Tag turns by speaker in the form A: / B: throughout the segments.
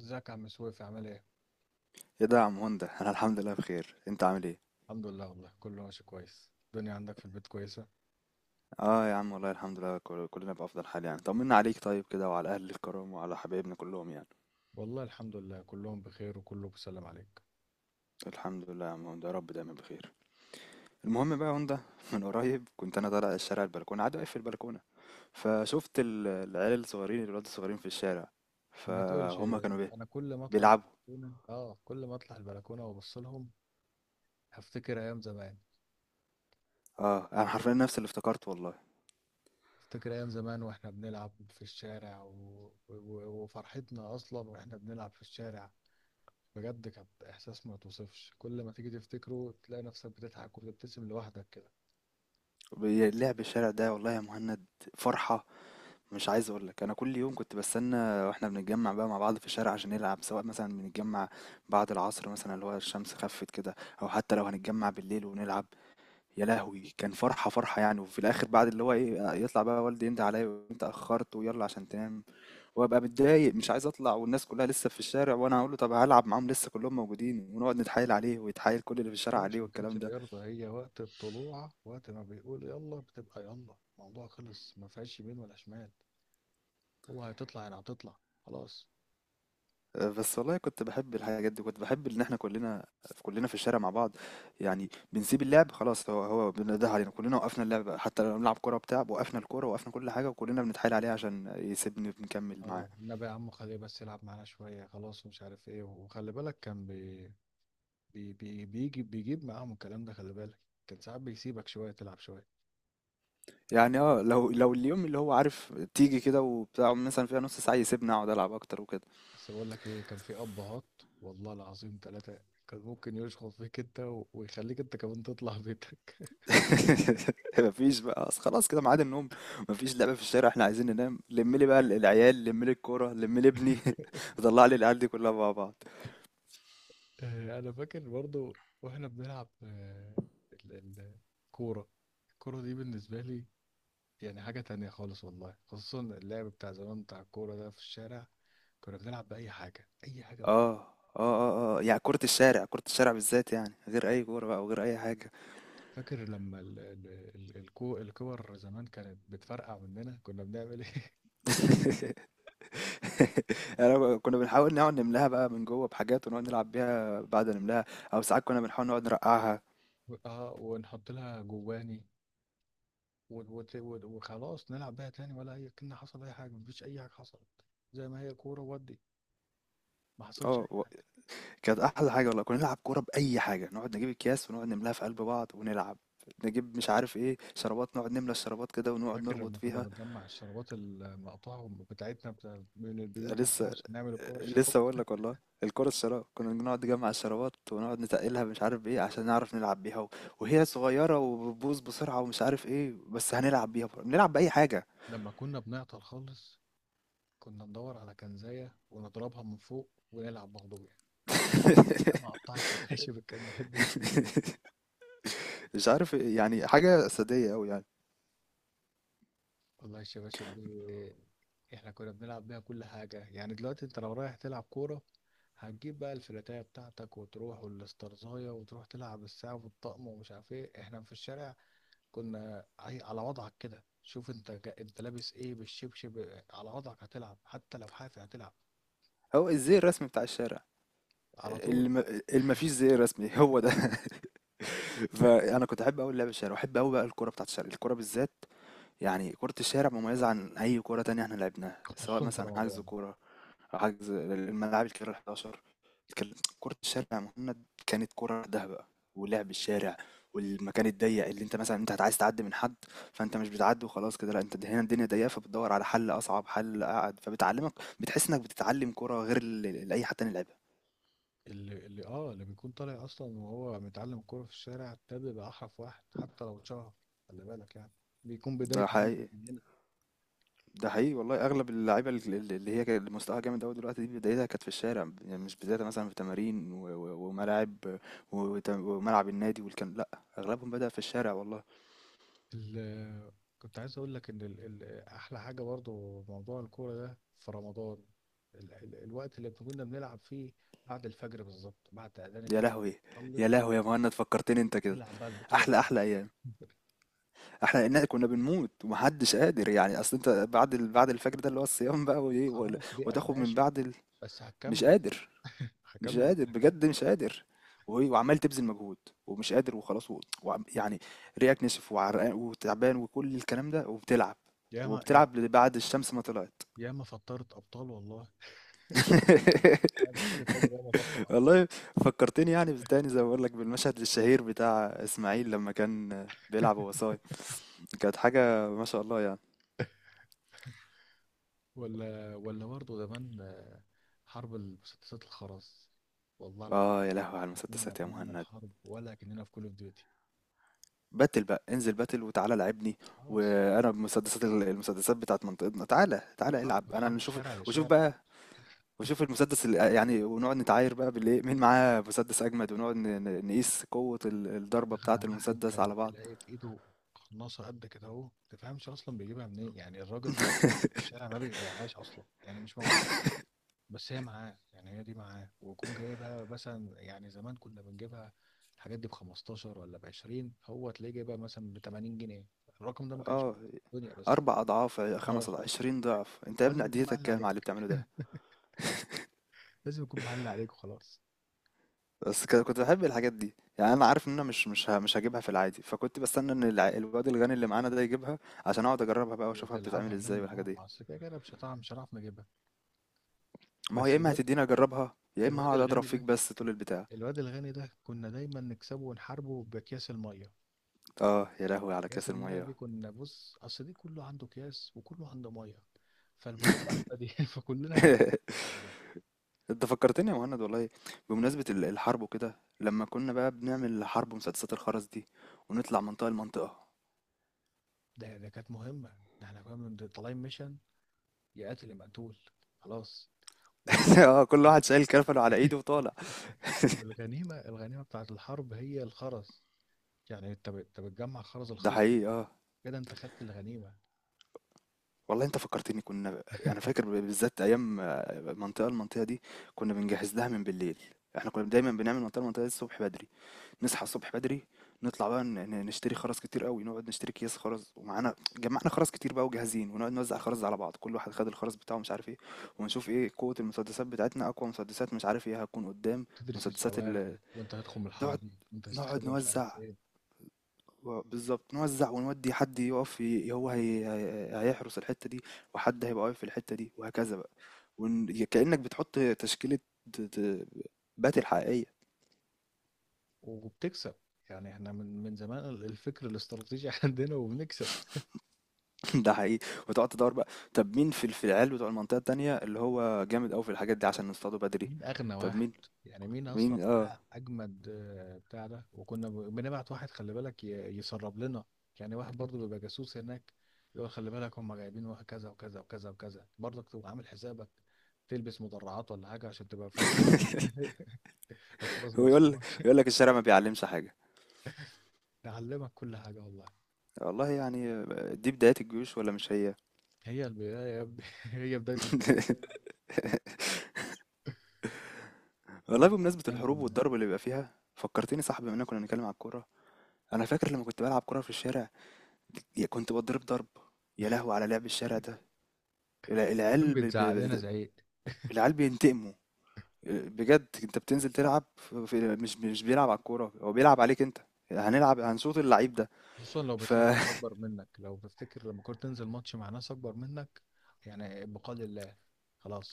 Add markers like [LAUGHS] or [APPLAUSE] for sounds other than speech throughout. A: ازيك يا عم سويف، عامل ايه؟
B: ايه ده يا عم هوندا [LAUGHS] انا الحمد لله بخير، انت عامل ايه؟
A: الحمد لله والله كله ماشي كويس. الدنيا عندك في البيت كويسة؟
B: اه يا عم والله الحمد لله، كلنا بافضل حال يعني. طمنا عليك طيب كده وعلى اهل الكرام وعلى حبايبنا كلهم يعني.
A: والله الحمد لله كلهم بخير وكله بيسلم عليك.
B: الحمد لله يا عم هوندا، يا رب دايما بخير. المهم بقى يا هوندا [LAUGHS] من قريب كنت انا طالع الشارع البلكونه، قاعد واقف في البلكونه، فشفت العيال الصغيرين، الولاد الصغيرين في الشارع،
A: ما تقولش.
B: فهم كانوا بيه
A: انا
B: بيلعبوا.
A: كل ما اطلع البلكونة وابص لهم هفتكر ايام زمان.
B: اه انا
A: افتكر
B: حرفيا نفس اللي افتكرت والله.
A: افتكر ايام زمان واحنا بنلعب في الشارع، وفرحتنا اصلا واحنا بنلعب في الشارع. بجد كانت احساس ما توصفش، كل ما تيجي تفتكره تلاقي نفسك بتضحك وبتبتسم لوحدك.
B: لعب الشارع ده والله يا مهند فرحه. مش عايز اقول لك، انا كل يوم كنت بستنى واحنا بنتجمع بقى مع بعض في الشارع عشان نلعب، سواء مثلا بنتجمع بعد العصر مثلا اللي هو الشمس خفت كده، او حتى لو هنتجمع بالليل ونلعب. يا لهوي كان فرحة فرحة يعني. وفي الاخر بعد اللي هو ايه، يطلع بقى والدي يندى عليا، وانت اخرت ويلا عشان تنام. وابقى متضايق مش عايز اطلع، والناس كلها لسه في الشارع، وانا هقول له طب هلعب معاهم لسه كلهم موجودين، ونقعد نتحايل عليه ويتحايل كل اللي في الشارع عليه،
A: فيش ما كانش
B: والكلام ده.
A: بيرضى، هي وقت الطلوع، وقت ما بيقول يلا بتبقى يلا، الموضوع خلص، ما فيهاش يمين ولا شمال. هو هتطلع يعني هتطلع. خلاص.
B: آه، بس والله كنت بحب الحاجات دي. كنت بحب ان احنا كلنا، كلنا في الشارع مع بعض يعني. بنسيب اللعب خلاص، هو هو بنده علينا كلنا، وقفنا اللعب حتى لو بنلعب كوره بتاع، وقفنا الكوره وقفنا كل حاجه، وكلنا بنتحايل عليه عشان يسيبني بنكمل
A: اه
B: معاه.
A: النبي يا عم، خليه بس يلعب معانا شوية، خلاص، ومش عارف ايه، وخلي بالك كان بي بي بي بيجي بيجيب معاهم الكلام ده، خلي بالك. كان ساعات بيسيبك شوية تلعب شوية.
B: يعني اه لو اليوم اللي هو عارف تيجي كده وبتاع، مثلا فيها نص ساعه يسيبني اقعد العب اكتر وكده.
A: بس بقول لك ايه، كان في ابهات والله العظيم ثلاثة. كان ممكن يشخط فيك انت ويخليك انت كمان تطلع بيتك.
B: [LAUGHS] مفيش بقى، أصل خلاص كده ميعاد النوم، مفيش لعبه في الشارع، احنا عايزين ننام. لم لي بقى العيال، لم لي الكوره، لم لي ابني [LAUGHS] طلع لي العيال دي كلها مع بعض.
A: آه، انا فاكر برضو. واحنا بنلعب، ال- ال- الكوره. الكوره دي بالنسبه لي يعني حاجه تانية خالص والله، خصوصا اللعب بتاع زمان بتاع الكوره ده في الشارع. كنا بنلعب باي حاجه، اي حاجه والله.
B: اه اه يعني كرة الشارع، كرة الشارع بالذات يعني غير أي كورة بقى وغير أي حاجة.
A: فاكر لما الكور زمان كانت بتفرقع مننا كنا بنعمل ايه؟ [LAUGHS]
B: [LAUGHS] يعني كنا بنحاول نقعد نملاها بقى من جوه بحاجات ونقعد نلعب بيها بعد نملاها. أو ساعات كنا بنحاول نقعد نرقعها.
A: اه، ونحط لها جواني وخلاص نلعب بيها تاني، ولا اي، كنا حصل اي حاجه، مفيش اي حاجه حصلت، زي ما هي كوره ودي، ما حصلش.
B: اه كانت أحلى حاجة والله. كنا نلعب كورة بأي حاجة، نقعد نجيب أكياس ونقعد نملاها في قلب بعض ونلعب. نجيب مش عارف ايه شرابات، نقعد نملى الشرابات كده ونقعد
A: فاكر
B: نربط
A: لما كنا
B: فيها.
A: بنجمع الشرابات المقطعة بتاعتنا، بتاع من البيوت وبتاع،
B: لسه،
A: عشان نعمل الكرة الشراب.
B: لسه بقول لك والله. الكرة الشراب كنا بنقعد نجمع الشرابات ونقعد نتقلها مش عارف ايه عشان نعرف نلعب بيها. وهي صغيرة وبتبوظ بسرعة ومش عارف ايه، بس هنلعب بيها بنلعب بأي حاجة.
A: لما كنا بنعطل خالص كنا ندور على كنزاية ونضربها من فوق ونلعب مغلوبة. يا ما
B: [LAUGHS]
A: قطعت شباشب الكنزات [LAUGHS] دي.
B: مش عارف إيه، يعني حاجة أساسية أوي يعني.
A: والله الشباشب دي احنا كنا بنلعب بيها كل حاجة. يعني دلوقتي انت لو رايح تلعب كورة هتجيب بقى الفلاتاية بتاعتك وتروح، والاسترزاية، وتروح تلعب الساعة والطقم ومش عارف ايه. احنا في الشارع كنا على وضعك كده. شوف انت لابس ايه، بالشبشب على وضعك هتلعب، حتى لو حافي هتلعب.
B: هو الزي الرسمي بتاع الشارع.
A: على طول.
B: الم... المفيش زي رسمي هو ده. [LAUGHS] فأنا كنت أحب أوي اللعب الشارع، وأحب أوي بقى الكرة بتاعت الشارع، الكرة بالذات. يعني كرة الشارع مميزة عن أي كرة تانية احنا لعبناها، سواء
A: خصوصا في
B: مثلا حجز
A: رمضان.
B: كورة أو حجز الملاعب الكبيرة 11. كان- كرة الشارع يا مهند كانت كرة لوحدها بقى، ولعب الشارع والمكان الضيق اللي انت مثلا انت عايز تعدي من حد، فانت مش بتعدي وخلاص كده، لا انت هنا الدنيا ضيقه فبتدور على حل، اصعب حل اقعد فبتعلمك. بتحس انك بتتعلم كرة غير اللي اي حد تاني لعبها.
A: اللي بيكون طالع اصلا وهو متعلم كوره في الشارع ده بيبقى احرف واحد حتى لو اتشهر، خلي بالك يعني. بيكون
B: ده
A: بدايته من
B: حقيقي،
A: من هنا.
B: ده حقيقي والله. اغلب اللعيبه اللي هي كانت مستواها جامد قوي دلوقتي دي بدايتها كانت في الشارع، يعني مش بدايتها مثلا في تمارين وملاعب وملعب النادي والكلام، لا. اغلبهم بدأ في الشارع والله.
A: ال- كنت عايز اقول لك ان احلى حاجه برضو موضوع الكوره ده في رمضان، الوقت اللي كنا بنلعب فيه بعد الفجر بالظبط، بعد اذان
B: يا
A: الفجر.
B: لهوي، يا
A: نصلي،
B: لهوي يا مهند فكرتني انت كده.
A: نلعب بقى البطولة
B: احلى،
A: بقى.
B: احلى ايام. احلى ان كنا بنموت ومحدش قادر يعني، اصل انت بعد بعد الفجر ده اللي هو الصيام بقى وايه
A: خلاص، ريقك
B: وتاخد من
A: ناشف،
B: بعد
A: بس
B: مش
A: هكمل
B: قادر، مش
A: هكمل
B: قادر
A: هكمل.
B: بجد مش قادر. وعمال تبذل مجهود ومش قادر وخلاص، يعني ريقك نشف وعرقان وتعبان وكل الكلام ده وبتلعب.
A: ياما يا-
B: وبتلعب بعد الشمس ما طلعت.
A: ياما فطرت ابطال والله. ياما
B: [LAUGHS]
A: حد فجر ياما فطر ابطال.
B: والله فكرتني يعني تاني زي ما بقول لك بالمشهد الشهير بتاع اسماعيل لما كان بيلعب وهو
A: [LAUGHS]
B: صايم. كانت حاجة ما شاء الله يعني.
A: ولا برضه زمان، حرب المسدسات الخرز، والله العظيم.
B: اه يا لهوي على
A: لا، كنا
B: المسدسات يا
A: بنعمل
B: مهند.
A: حرب ولا كأننا في كول اوف ديوتي.
B: باتل بقى، انزل باتل وتعالى لعبني.
A: خلاص.
B: وانا بمسدسات المسدسات بتاعت منطقتنا، تعالى تعالى
A: حرب،
B: العب انا
A: حرب
B: نشوف.
A: شارع
B: وشوف
A: لشارع.
B: بقى، وشوف المسدس اللي يعني، ونقعد نتعاير بقى بالايه مين معاه مسدس اجمد، ونقعد نقيس قوة الضربة
A: أغنى
B: بتاعة
A: واحد
B: المسدس
A: كان
B: على بعض.
A: تلاقي في إيده قناصة قد كده، أهو ما تفهمش أصلا بيجيبها منين، يعني الراجل بتاع الألعاب اللي في الشارع ما بيبيعهاش أصلا، يعني مش موجودة. بس هي معاه، يعني هي دي معاه، ويكون جايبها مثلا، يعني زمان كنا بنجيبها الحاجات دي ب 15 ولا ب 20، هو تلاقيه جايبها مثلا ب 80 جنيه. الرقم ده ما كانش في
B: اه
A: الدنيا، بس هو،
B: اربع اضعاف،
A: اه
B: خمس
A: هو
B: اضعاف، عشرين ضعف، انت يا ابني
A: لازم يكون
B: عديتك
A: معلي
B: كام على اللي
A: عليك
B: بتعمله ده.
A: [LAUGHS] لازم يكون معلي عليك وخلاص.
B: بس كنت بحب الحاجات دي يعني. انا عارف ان انا مش هجيبها في العادي، فكنت بستنى ان الواد الغني اللي معانا ده يجيبها، عشان اقعد اجربها بقى واشوفها بتتعمل
A: وتلعبها
B: ازاي
A: منه.
B: والحاجات
A: اه
B: دي.
A: ما اصل كده كده مش هنعرف نجيبها.
B: ما هو
A: بس
B: يا اما
A: الواد،
B: هتديني اجربها، يا اما
A: الواد
B: هقعد اضرب
A: الغني
B: فيك
A: ده،
B: بس طول البتاع.
A: الواد الغني ده كنا دايما نكسبه ونحاربه باكياس الميه.
B: اه يا لهوي على
A: اكياس
B: كاس
A: الميه دي
B: الميه.
A: كنا، بص، اصل دي كله عنده اكياس وكله عنده ميه، فالبساطه احنا دي [LAUGHS] فكلنا
B: [LAUGHS]
A: هنحفظها.
B: انت فكرتني يا مهند والله. بمناسبة الحرب وكده، لما كنا بقى بنعمل حرب مسدسات الخرز دي، ونطلع منطقة لمنطقة.
A: ده كانت مهمه، ده احنا كنا طالعين ميشن. يا قاتل يا مقتول. خلاص و-
B: [LAUGHS] اه كل واحد شايل كرفله على ايده
A: [LAUGHS]
B: وطالع.
A: والغنيمه، الغنيمه بتاعت الحرب هي الخرز. يعني انت بتجمع خرز
B: ده
A: الخصم،
B: حقيقي اه.
A: كده انت خدت الغنيمه.
B: والله انت فكرتني، كنا انا فاكر بالذات ايام آه، منطقة المنطقة دي كنا بنجهز لها من بالليل. احنا كنا دايما بنعمل منطقة المنطقة دي الصبح بدري، نصحى الصبح بدري، نطلع بقى نشتري خرز كتير قوي، نقعد نشتري اكياس خرز، ومعانا جمعنا خرز كتير بقى وجاهزين، ونقعد نوزع خرز على بعض، كل واحد خد الخرز بتاعه مش عارف ايه. ونشوف ايه قوة المسدسات بتاعتنا، اقوى مسدسات مش عارف ايه هتكون قدام.
A: تدرس
B: مسدسات
A: الشوارع،
B: ال،
A: وانت هتخرم الحاره
B: نقعد
A: دي، وانت
B: نقعد
A: هتستخبى مش عارف
B: نوزع،
A: فين.
B: بالظبط نوزع، ونودي حد يقف هو هيحرس الحتة دي، وحد هيبقى واقف في الحتة دي، وهكذا بقى. كأنك بتحط تشكيلة، د- د- باتل حقيقية.
A: وبتكسب. يعني احنا من زمان الفكر الاستراتيجي [LAUGHS] عندنا وبنكسب.
B: [LAUGHS] ده حقيقي. وتقعد تدور بقى طب مين في في العيال بتوع المنطقة التانية اللي هو جامد أوي في الحاجات دي عشان نصطاده بدري.
A: مين اغنى
B: طب
A: واحد؟
B: مين،
A: يعني مين اصلا
B: مين اه.
A: معاه اجمد بتاع ده. وكنا بنبعت واحد، خلي بالك، يسرب لنا، يعني واحد برضه بيبقى جاسوس هناك، يقول خلي بالك هم جايبين واحد كذا وكذا وكذا وكذا، برضك تبقى عامل حسابك. تلبس مدرعات ولا حاجه عشان تبقى فاهم.
B: [LAUGHS]
A: الخلاص ما
B: هو يقول،
A: يخصمكش.
B: يقول لك الشارع ما بيعلمش حاجة.
A: [LAUGHS] نعلمك كل حاجه والله.
B: والله يعني، دي بداية الجيوش ولا مش هي؟
A: هي البدايه يا ابني [LAUGHS] هي بدايه الحروب.
B: [LAUGHS] والله
A: برضه
B: بمناسبة
A: كان
B: الحروب
A: كنا
B: والضرب اللي بيبقى فيها فكرتني صاحبي، بما اننا كنا بنتكلم على الكورة. انا فاكر لما كنت بلعب كورة في الشارع، يا كنت بتضرب ضرب. يا لهوي على لعب الشارع ده.
A: وكان
B: العيال
A: بيتزعق لنا زعيق،
B: العيال بينتقموا. بجد انت بتنزل تلعب في مش بيلعب على الكوره، هو بيلعب عليك انت. هنلعب، هنشوط اللعيب ده.
A: خصوصا لو
B: ف
A: بتلاعب اللي
B: [LAUGHS]
A: اكبر منك. لو تفتكر لما كنت تنزل ماتش مع ناس اكبر منك، يعني بقال الله،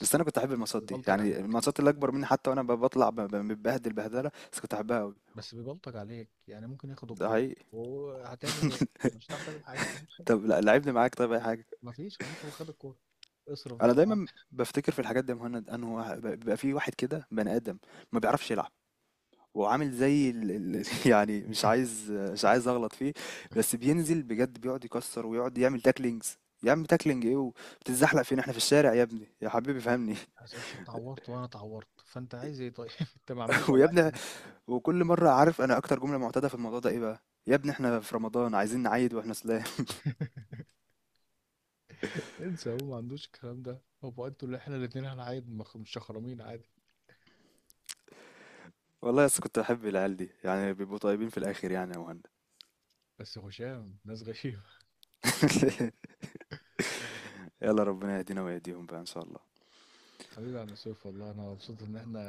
B: بس انا كنت احب الماتشات دي
A: بيبلطج
B: يعني،
A: عليك،
B: الماتشات اللي اكبر مني. حتى وانا بطلع متبهدل بهدله، بس كنت احبها قوي.
A: بس بيبلطج عليك، يعني ممكن ياخد
B: ده
A: الكوره
B: حقيقي.
A: وهتعمل ايه،
B: [LAUGHS]
A: مش هتعرف تعمل حاجه [LAUGHS]
B: طب لا لعبني معاك، طيب اي حاجه.
A: مفيش، خلاص، هو خد الكوره، اصرف
B: انا
A: بقى معاه.
B: دايما بفتكر في الحاجات دي يا مهند، انه بيبقى في واحد كده بني ادم ما بيعرفش يلعب، وعامل زي ال... [LAUGHS] يعني مش عايز، مش عايز اغلط فيه. بس بينزل بجد بيقعد يكسر ويقعد يعمل تاكلينجز. يا عم تاكلينج ايه وبتتزحلق فين، احنا في الشارع يا ابني يا حبيبي فهمني.
A: عشان انت اتعورت وانا اتعورت، فانت عايز ايه طيب؟ [LAUGHS] انت مع مين
B: [LAUGHS] ويا
A: ولا عايز
B: ابني،
A: ايه؟
B: وكل مره، عارف انا اكتر جمله معتاده في الموضوع ده ايه بقى؟ يا ابني احنا في رمضان عايزين نعيد واحنا سلام.
A: [LAUGHS] انسى، هو ما عندوش الكلام ده، هو بقى انتوا اللي احنا الاثنين هنعايد مش شخرمين عادي.
B: [LAUGHS] والله بس كنت بحب العيال دي، يعني بيبقوا طيبين في الاخر يعني يا مهند.
A: بس هشام ناس غشيم.
B: [LAUGHS] يلا ربنا يهدينا ويهديهم بقى ان شاء الله.
A: حبيبي يا عم سيف، والله انا مبسوط ان احنا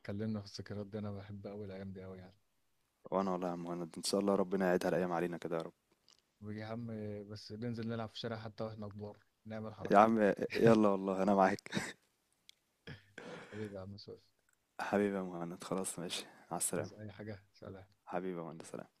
A: اتكلمنا في الذكريات دي، انا بحب قوي الايام دي قوي يعني.
B: وانا والله يا عم مهند ان شاء الله ربنا يعيدها الايام علينا كده يا رب.
A: ويا عم، بس ننزل نلعب في الشارع حتى واحنا كبار، نعمل
B: يا
A: حركات.
B: عم، يلا والله انا معاك.
A: حبيبي يا عم سيف.
B: حبيبي يا مهند خلاص ماشي، على السلامة.
A: عايز اي حاجه؟ سلام.
B: حبيبي يا مهند سلام.